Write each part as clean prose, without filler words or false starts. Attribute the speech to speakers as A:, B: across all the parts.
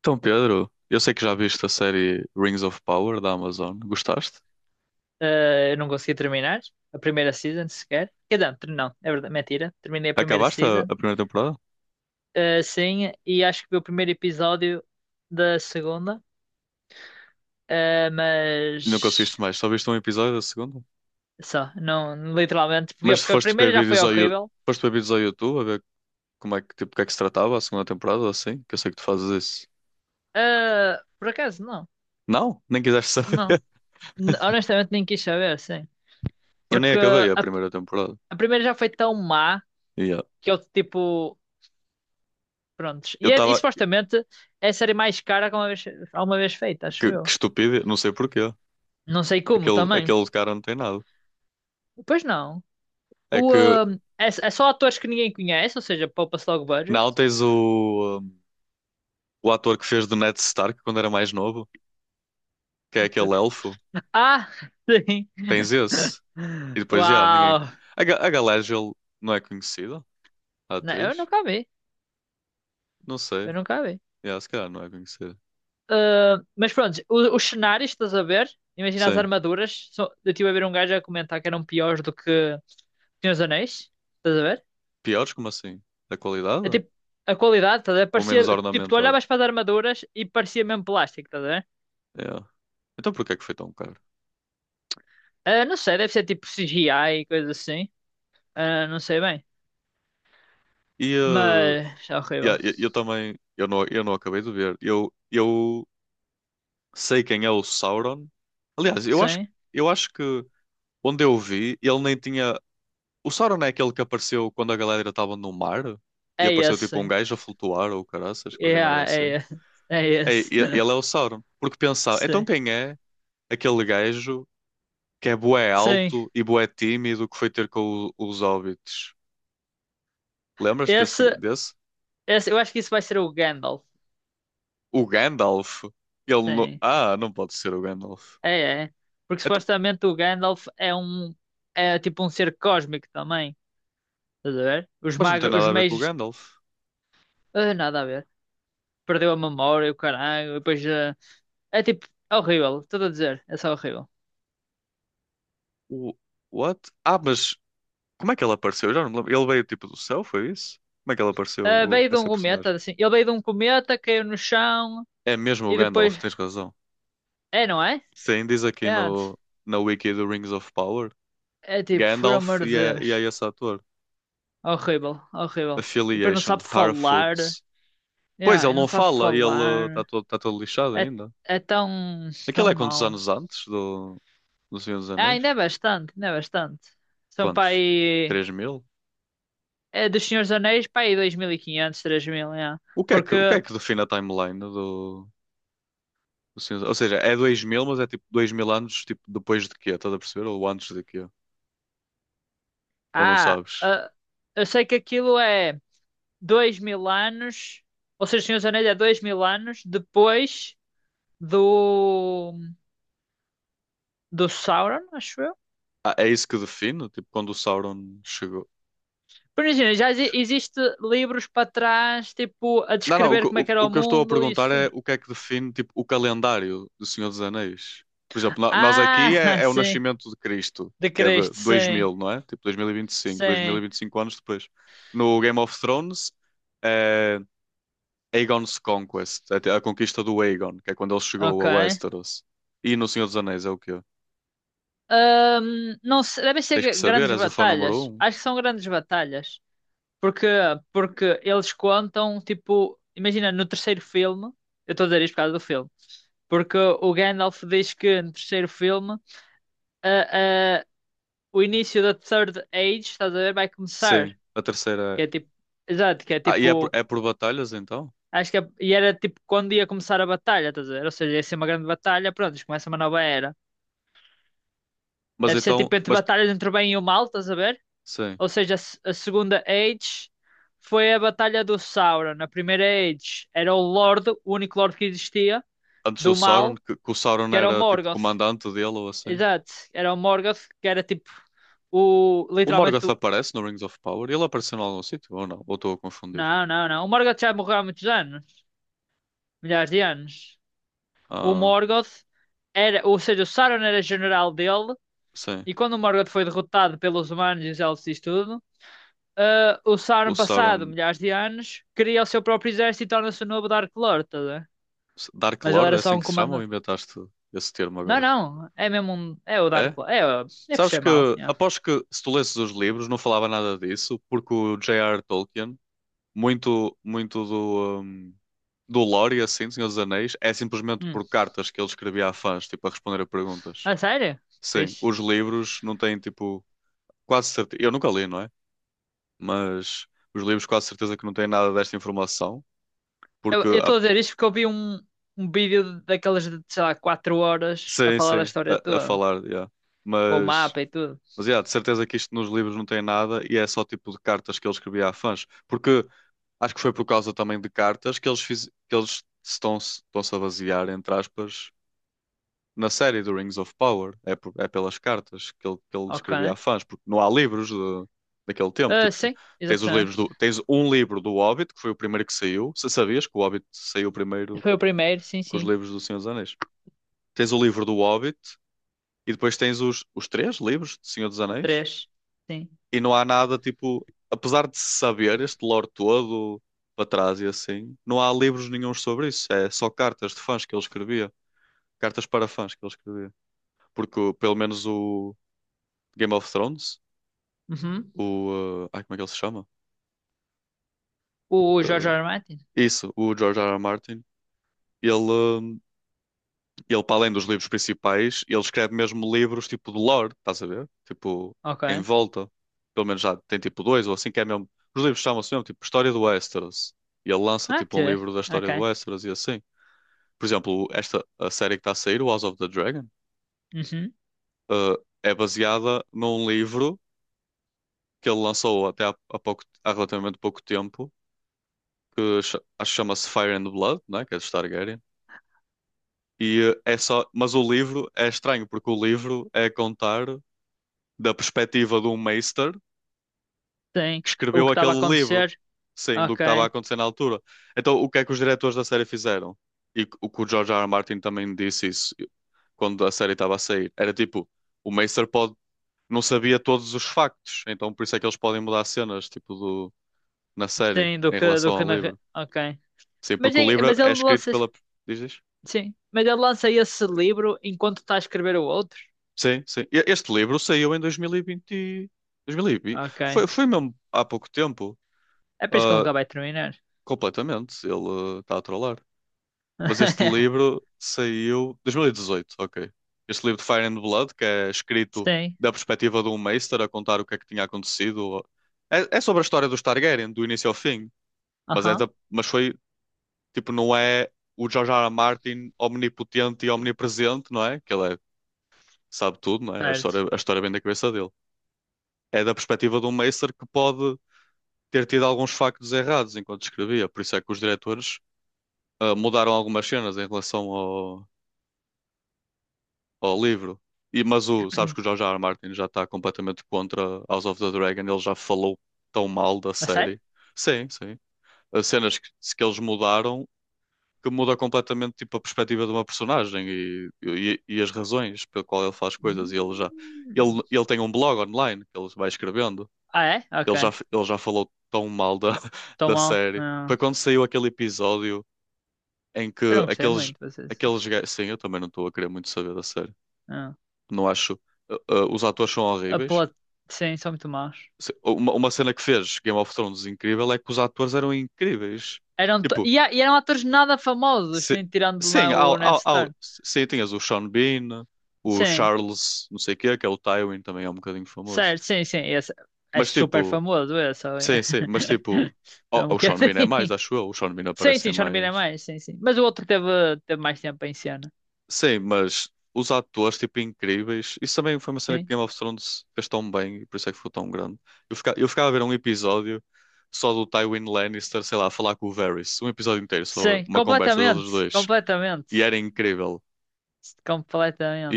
A: Então, Pedro, eu sei que já viste a série Rings of Power da Amazon. Gostaste?
B: Eu não consegui terminar a primeira season sequer. Quer dizer, não, é verdade, mentira. Terminei a primeira
A: Acabaste a,
B: season,
A: a primeira temporada?
B: sim, e acho que vi o primeiro episódio da segunda,
A: Não
B: mas
A: conseguiste mais, só viste um episódio da segunda?
B: só, não, literalmente, porque,
A: Mas se
B: porque a
A: foste ver
B: primeira já foi
A: vídeos
B: horrível.
A: ao YouTube a ver como é que, tipo, o que é que se tratava a segunda temporada, assim, que eu sei que tu fazes isso.
B: Por acaso, não,
A: Não, nem quiseste saber.
B: não, Honestamente nem quis saber, sim,
A: Eu nem
B: porque
A: acabei a
B: a,
A: primeira temporada.
B: a primeira já foi tão má
A: Yeah.
B: que eu, tipo, prontos, e,
A: Eu
B: é, e
A: estava.
B: supostamente é a série mais cara que alguma vez feita, acho
A: Que
B: eu.
A: estúpido, não sei porquê.
B: Não sei como
A: Aquele,
B: também.
A: aquele cara não tem nada.
B: Pois não.
A: É que
B: É só atores que ninguém conhece, ou seja, poupa-se logo budget.
A: não tens o ator que fez do Ned Stark quando era mais novo, que é aquele elfo.
B: Ah, sim.
A: Tens esse. E depois, já, ninguém.
B: Uau.
A: A Galadriel não é conhecida? A
B: Não, eu
A: atriz?
B: nunca vi.
A: Não sei.
B: Eu nunca vi.
A: Yeah, se calhar não é conhecida.
B: Ah, mas pronto, os cenários, estás a ver? Imagina as
A: Sim.
B: armaduras. Eu estive a ver um gajo a comentar que eram piores do que Senhor dos Anéis. Estás a ver?
A: Piores, como assim? Da
B: É
A: qualidade?
B: tipo, a qualidade, estás a ver?
A: Ou
B: Parecia,
A: menos
B: tipo, tu
A: ornamentado?
B: olhavas para as armaduras e parecia mesmo plástico, estás a ver?
A: Yeah. Então porquê é que foi tão caro?
B: Ah, não sei, deve ser tipo CGI e coisa assim. Ah, não sei bem.
A: E
B: Mas é
A: yeah,
B: horrível.
A: eu também. Eu não acabei de ver. Eu sei quem é o Sauron. Aliás, eu acho,
B: Sim,
A: eu acho que onde eu vi, ele nem tinha. O Sauron é aquele que apareceu quando a galera estava no mar e
B: é
A: apareceu
B: esse,
A: tipo um
B: sim.
A: gajo a flutuar ou caraças, qualquer merda
B: Yeah,
A: assim.
B: é esse. É
A: É,
B: esse.
A: ele é o Sauron. Porque pensar, então
B: Sim.
A: quem é aquele gajo que é bué
B: Sim.
A: alto e bué tímido que foi ter com os hobbits? Lembras-te desse,
B: Esse,
A: desse?
B: esse, eu acho que isso vai ser o Gandalf.
A: O Gandalf. Ele não.
B: Sim.
A: Ah, não pode ser o Gandalf.
B: É, é. Porque
A: Então,
B: supostamente o Gandalf é um. É tipo um ser cósmico também. Estás a ver? Os
A: mas não tem
B: magos, os
A: nada a ver com o
B: meios.
A: Gandalf.
B: Nada a ver. Perdeu a memória, o caralho. E depois, é tipo. É horrível. Estou a dizer. É só horrível.
A: O. What? Ah, mas como é que ele apareceu? Eu já não me lembro. Ele veio tipo do céu, foi isso? Como é que ele apareceu,
B: Ah, veio de um
A: essa personagem?
B: cometa, assim. Ele veio de um cometa, caiu no chão
A: É mesmo o
B: e depois.
A: Gandalf, tens razão.
B: É, não é?
A: Sim, diz aqui
B: É antes.
A: no, na wiki do Rings of Power.
B: É tipo, por amor
A: Gandalf
B: de
A: e é,
B: Deus.
A: e é esse ator.
B: Horrível, horrível. E depois não
A: Affiliation,
B: sabe falar.
A: Harfoots. Pois,
B: Yeah,
A: ele
B: e não
A: não
B: sabe
A: fala, e ele está
B: falar.
A: todo, tá todo lixado
B: É,
A: ainda.
B: é tão,
A: Aquilo
B: tão
A: é quantos
B: mau.
A: anos antes do, do Senhor dos
B: Ah,
A: Anéis?
B: ainda é bastante, ainda é bastante. São para
A: Quantos?
B: aí.
A: 3000?
B: É dos Senhores dos Anéis para aí 2.500, 3.000, yeah.
A: O que é que, o que
B: Porque,
A: é que define a timeline do, do Senhor dos. Ou seja, é dois mil, mas é tipo 2000 anos, tipo, depois de quê? Estás a perceber? Ou antes de quê? Ou não
B: ah,
A: sabes?
B: ah, eu sei que aquilo é 2.000 anos. Ou seja, os Senhores dos Anéis é 2.000 anos depois do, do Sauron, acho eu.
A: Ah, é isso que define? Tipo, quando o Sauron chegou.
B: Por imagina, já existe livros para trás, tipo, a
A: Não, não, o, que
B: descrever como é que era
A: o
B: o
A: que eu estou a
B: mundo,
A: perguntar é
B: isso.
A: o que é que define, tipo, o calendário do Senhor dos Anéis. Por exemplo, nós aqui
B: Ah,
A: é, é o
B: sim.
A: nascimento de Cristo,
B: De
A: que é de
B: Cristo,
A: dois
B: sim.
A: mil, não é? Tipo, dois mil e vinte e cinco, dois mil e
B: Sim.
A: vinte cinco, e cinco anos depois. No Game of Thrones é Aegon's Conquest, é a conquista do Aegon, que é quando ele chegou
B: Ok.
A: a Westeros. E no Senhor dos Anéis é o quê?
B: Devem
A: Tens que
B: ser
A: saber,
B: grandes
A: és o fã número
B: batalhas.
A: um?
B: Acho que são grandes batalhas. Porque, porque eles contam, tipo, imagina, no terceiro filme, eu estou a dizer isto por causa do filme, porque o Gandalf diz que no terceiro filme, ah, ah, o início da Third Age, estás a ver, vai começar.
A: Sim, a terceira
B: Que é
A: é.
B: tipo. Exato, que é
A: Ah, e é por,
B: tipo.
A: é por batalhas, então?
B: Acho que e era tipo quando ia começar a batalha, estás a ver? Ou seja, ia ser uma grande batalha, pronto, isto começa uma nova era.
A: Mas
B: Deve ser
A: então.
B: tipo entre
A: Mas,
B: batalhas entre o bem e o mal, estás a ver?
A: sim,
B: Ou seja, a, se- a segunda Age foi a batalha do Sauron. A primeira Age era o Lorde, o único Lorde que existia,
A: antes do
B: do
A: Sauron,
B: mal,
A: que o Sauron
B: que era o
A: era tipo
B: Morgoth.
A: comandante dele ou assim.
B: Exato, era o Morgoth, que era tipo o.
A: O
B: Literalmente
A: Morgoth
B: o.
A: aparece no Rings of Power? Ele apareceu em algum sítio ou não? Ou estou a confundir?
B: Não, não, não. O Morgoth já morreu há muitos anos, milhares de anos. O
A: Ah,
B: Morgoth era, ou seja, o Sauron era general dele,
A: sim.
B: e quando o Morgoth foi derrotado pelos humanos e os elfos e isso tudo, o
A: O
B: Sauron, passado
A: Sauron.
B: milhares de anos, cria o seu próprio exército e torna-se o novo Dark Lord, tá a ver?
A: Dark
B: Mas ele
A: Lord
B: era
A: é
B: só
A: assim
B: um
A: que se chama ou
B: comandante.
A: inventaste esse termo
B: Não,
A: agora?
B: não, é mesmo um. É o Dark
A: É?
B: Lord. É, por
A: Sabes
B: ser
A: que,
B: mau. Yeah.
A: aposto que se tu lesses os livros não falava nada disso, porque o J. R. Tolkien, muito, muito do, do lore e assim, do Senhor dos Anéis, é simplesmente
B: Hum.
A: por cartas que ele escrevia a fãs, tipo, a responder a perguntas.
B: Ah, sério?
A: Sim,
B: Fixe.
A: os livros não têm, tipo, quase certeza, eu nunca li, não é? Mas os livros quase certeza que não têm nada desta informação,
B: Eu
A: porque
B: estou a dizer isto porque eu vi um vídeo daquelas de, sei lá, 4 horas a
A: sim,
B: falar da
A: sim,
B: história
A: a
B: toda,
A: falar, yeah.
B: com o
A: Mas,
B: mapa e tudo.
A: mas yeah, de certeza que isto nos livros não tem nada e é só tipo de cartas que ele escrevia a fãs, porque acho que foi por causa também de cartas que eles estão-se a basear, entre aspas, na série do Rings of Power. É, é pelas cartas que ele descrevia a
B: Ok.
A: fãs, porque não há livros daquele tempo.
B: Ah,
A: Tipo,
B: sim,
A: tens os livros do,
B: exatamente.
A: tens um livro do Hobbit, que foi o primeiro que saiu. Se sabias que o Hobbit saiu primeiro
B: Foi o primeiro, sim,
A: que os
B: sim.
A: livros do Senhor dos Anéis. Tens o livro do Hobbit e depois tens os três livros do Senhor dos Anéis.
B: Três. Sim.
A: E não há nada, tipo, apesar de se saber este lore todo para trás e assim, não há livros nenhuns sobre isso. É só cartas de fãs que ele escrevia. Cartas para fãs que ele escrevia porque pelo menos o, Game of Thrones,
B: Uhum.
A: o. Ai, como é que ele se chama?
B: O George
A: Uh,
B: R. R. Martin?
A: isso, o George R. R. Martin. Ele, ele, para além dos livros principais, ele escreve mesmo livros tipo de lore, estás a ver? Tipo, em
B: Ok.
A: volta. Pelo menos já tem tipo dois ou assim, que é mesmo. Os livros chamam-se mesmo tipo História do Westeros. E ele lança tipo um
B: Ok.
A: livro da história do
B: Ok.
A: Westeros e assim. Por exemplo, esta a série que está a sair, o House of the Dragon,
B: Uhum.
A: uh, é baseada num livro que ele lançou até há pouco, há relativamente pouco tempo que acho que chama-se Fire and Blood, né? Que é de Targaryen. E é só, mas o livro é estranho porque o livro é contar da perspectiva de um Meister
B: Sim.
A: que
B: O
A: escreveu
B: que estava a
A: aquele livro,
B: acontecer?
A: sim, do que estava a
B: Ok.
A: acontecer na altura. Então, o que é que os diretores da série fizeram? E o que o George R. R. Martin também disse isso quando a série estava a sair. Era tipo, o Meister pode não sabia todos os factos, então por isso é que eles podem mudar cenas tipo do na série
B: Sim, do
A: em
B: que,
A: relação
B: do que
A: ao
B: na...
A: livro.
B: Ok.
A: Sim,
B: Mas,
A: porque o livro
B: mas
A: é
B: ele
A: escrito
B: lança...
A: pela dizes?
B: Sim. Mas ele lança esse livro enquanto está a escrever o outro?
A: Sim, sim. Este livro saiu em 2020.
B: Ok.
A: Foi mesmo há pouco tempo.
B: É por isso que ele
A: Ah,
B: nunca vai terminar.
A: completamente. Ele está a trollar. Mas este livro saiu 2018, ok. Este livro de Fire and Blood, que é escrito
B: Sim.
A: da perspectiva de um Meister a contar o que é que tinha acontecido. É, é sobre a história dos Targaryen, do início ao fim. Mas, é
B: Aham.
A: da, mas foi, tipo, não é o George R. R. Martin omnipotente e omnipresente, não é? Que ele é, sabe tudo, não é? A
B: Certo.
A: história, a história vem da cabeça dele. É da perspectiva de um Meister que pode ter tido alguns factos errados enquanto escrevia. Por isso é que os diretores mudaram algumas cenas em relação ao, ao livro. E, mas o, sabes que o George R. R. Martin já está completamente contra House of the Dragon, ele já falou tão mal da
B: A sério?
A: série. Sim, sim. As cenas que eles mudaram que muda completamente tipo, a perspectiva de uma personagem e as razões pelo qual ele faz coisas. E ele já
B: Hum.
A: ele, ele tem um blog online que ele vai escrevendo.
B: Ah, é? Ok.
A: Ele já falou tão mal da
B: Estou
A: da
B: mal.
A: série.
B: Não.
A: Foi quando saiu aquele episódio em que
B: Eu não gostei
A: aqueles,
B: muito, vocês.
A: aqueles gajos. Sim, eu também não estou a querer muito saber da série. Não acho. Os atores são
B: A
A: horríveis.
B: plot, sim, são muito maus.
A: Uma cena que fez Game of Thrones incrível é que os atores eram incríveis. Tipo,
B: E eram atores nada famosos, nem
A: se-
B: tirando
A: sim,
B: lá o Ned Stark.
A: sim, tinhas o Sean Bean, o
B: Sim,
A: Charles, não sei o quê, que é o Tywin, também é um bocadinho famoso.
B: certo, sim, sim. Esse é
A: Mas tipo,
B: super famoso, esse ali.
A: sim, sim, mas tipo. O,
B: É um
A: o Sean Bean é mais,
B: bocadinho.
A: acho eu. O Sean Bean
B: Sim,
A: aparece
B: sim,
A: em
B: Sean Bean é
A: mais.
B: mais, sim, sim. Mas o outro teve mais tempo em cena.
A: Sim, mas os atores, tipo, incríveis. Isso também foi uma cena que
B: Sim,
A: Game of Thrones fez tão bem e por isso é que ficou tão grande. Eu ficava a ver um episódio só do Tywin Lannister, sei lá, a falar com o Varys. Um episódio inteiro, só
B: sim,
A: uma conversa deles
B: completamente,
A: dois. E
B: completamente,
A: era incrível.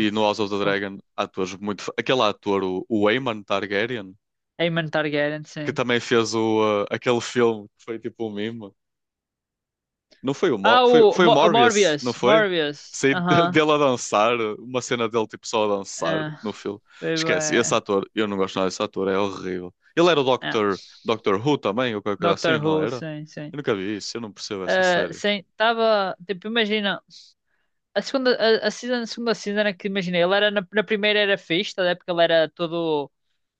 A: E no House of the
B: Só-
A: Dragon, atores muito. Aquele ator, o Aemon Targaryen,
B: Aemon Targaryen,
A: que
B: sim.
A: também fez o, aquele filme que foi tipo um meme. Não foi o, Mor
B: Ah,
A: foi,
B: o
A: foi o Morbius, não
B: Morbius,
A: foi?
B: Morbius.
A: Sei
B: Aham,
A: dele a dançar, uma cena dele tipo só a dançar
B: é.
A: no filme.
B: Foi
A: Esquece, esse
B: bué.
A: ator, eu não gosto nada desse ator, é horrível. Ele era o
B: É.
A: Doctor Who também, ou qualquer coisa
B: Doctor
A: assim, não
B: Who,
A: era?
B: sim, sim.
A: Eu nunca vi isso, eu não percebo essa
B: Ah,
A: série.
B: sim, estava. Tipo, imagina. A segunda, a season, a segunda season era que, imagina, ele era na primeira era fixe, tá, a ver? Porque ele era todo.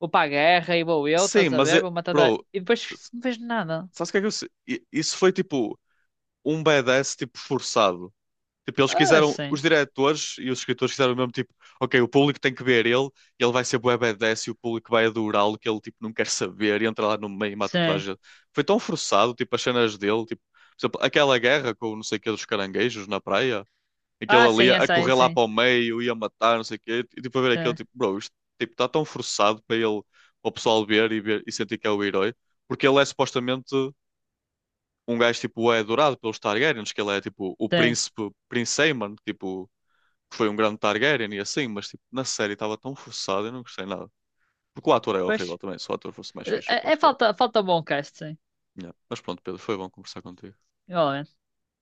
B: Vou para a guerra e vou eu,
A: Sim,
B: estás a
A: mas,
B: ver? Vou matar.
A: bro,
B: E depois
A: s-
B: não fez nada.
A: sabes o que é que eu. Isso foi tipo um badass tipo forçado. Tipo, eles
B: Ah,
A: quiseram,
B: sim,
A: os diretores e os escritores quiseram mesmo, tipo, ok, o público tem que ver ele, ele vai ser bué badass e o público vai adorá-lo, que ele, tipo, não quer saber e entra lá no meio e mata toda a
B: sim.
A: gente. Foi tão forçado, tipo, as cenas dele, tipo, por exemplo, aquela guerra com o não sei o que dos caranguejos na praia, aquele
B: Ah,
A: ali
B: sim, é,
A: a
B: sim,
A: correr lá
B: sim,
A: para o meio, e a matar, não sei o quê, e, tipo, a ver aquele,
B: sim,
A: tipo, bro, isto, tipo, está tão forçado para ele, para o pessoal ver e sentir que é o herói, porque ele é supostamente um gajo, tipo, é adorado pelos Targaryens, que ele é, tipo, o
B: sim.
A: príncipe, Prince Aemon, tipo que foi um grande Targaryen e assim, mas tipo, na série estava tão forçado, eu não gostei nada. Porque o ator é
B: Pois.
A: horrível também, se o ator fosse mais fixe, eu
B: É
A: aposto que era.
B: falta bom cast,
A: Yeah. Mas pronto, Pedro, foi bom conversar contigo.
B: sim.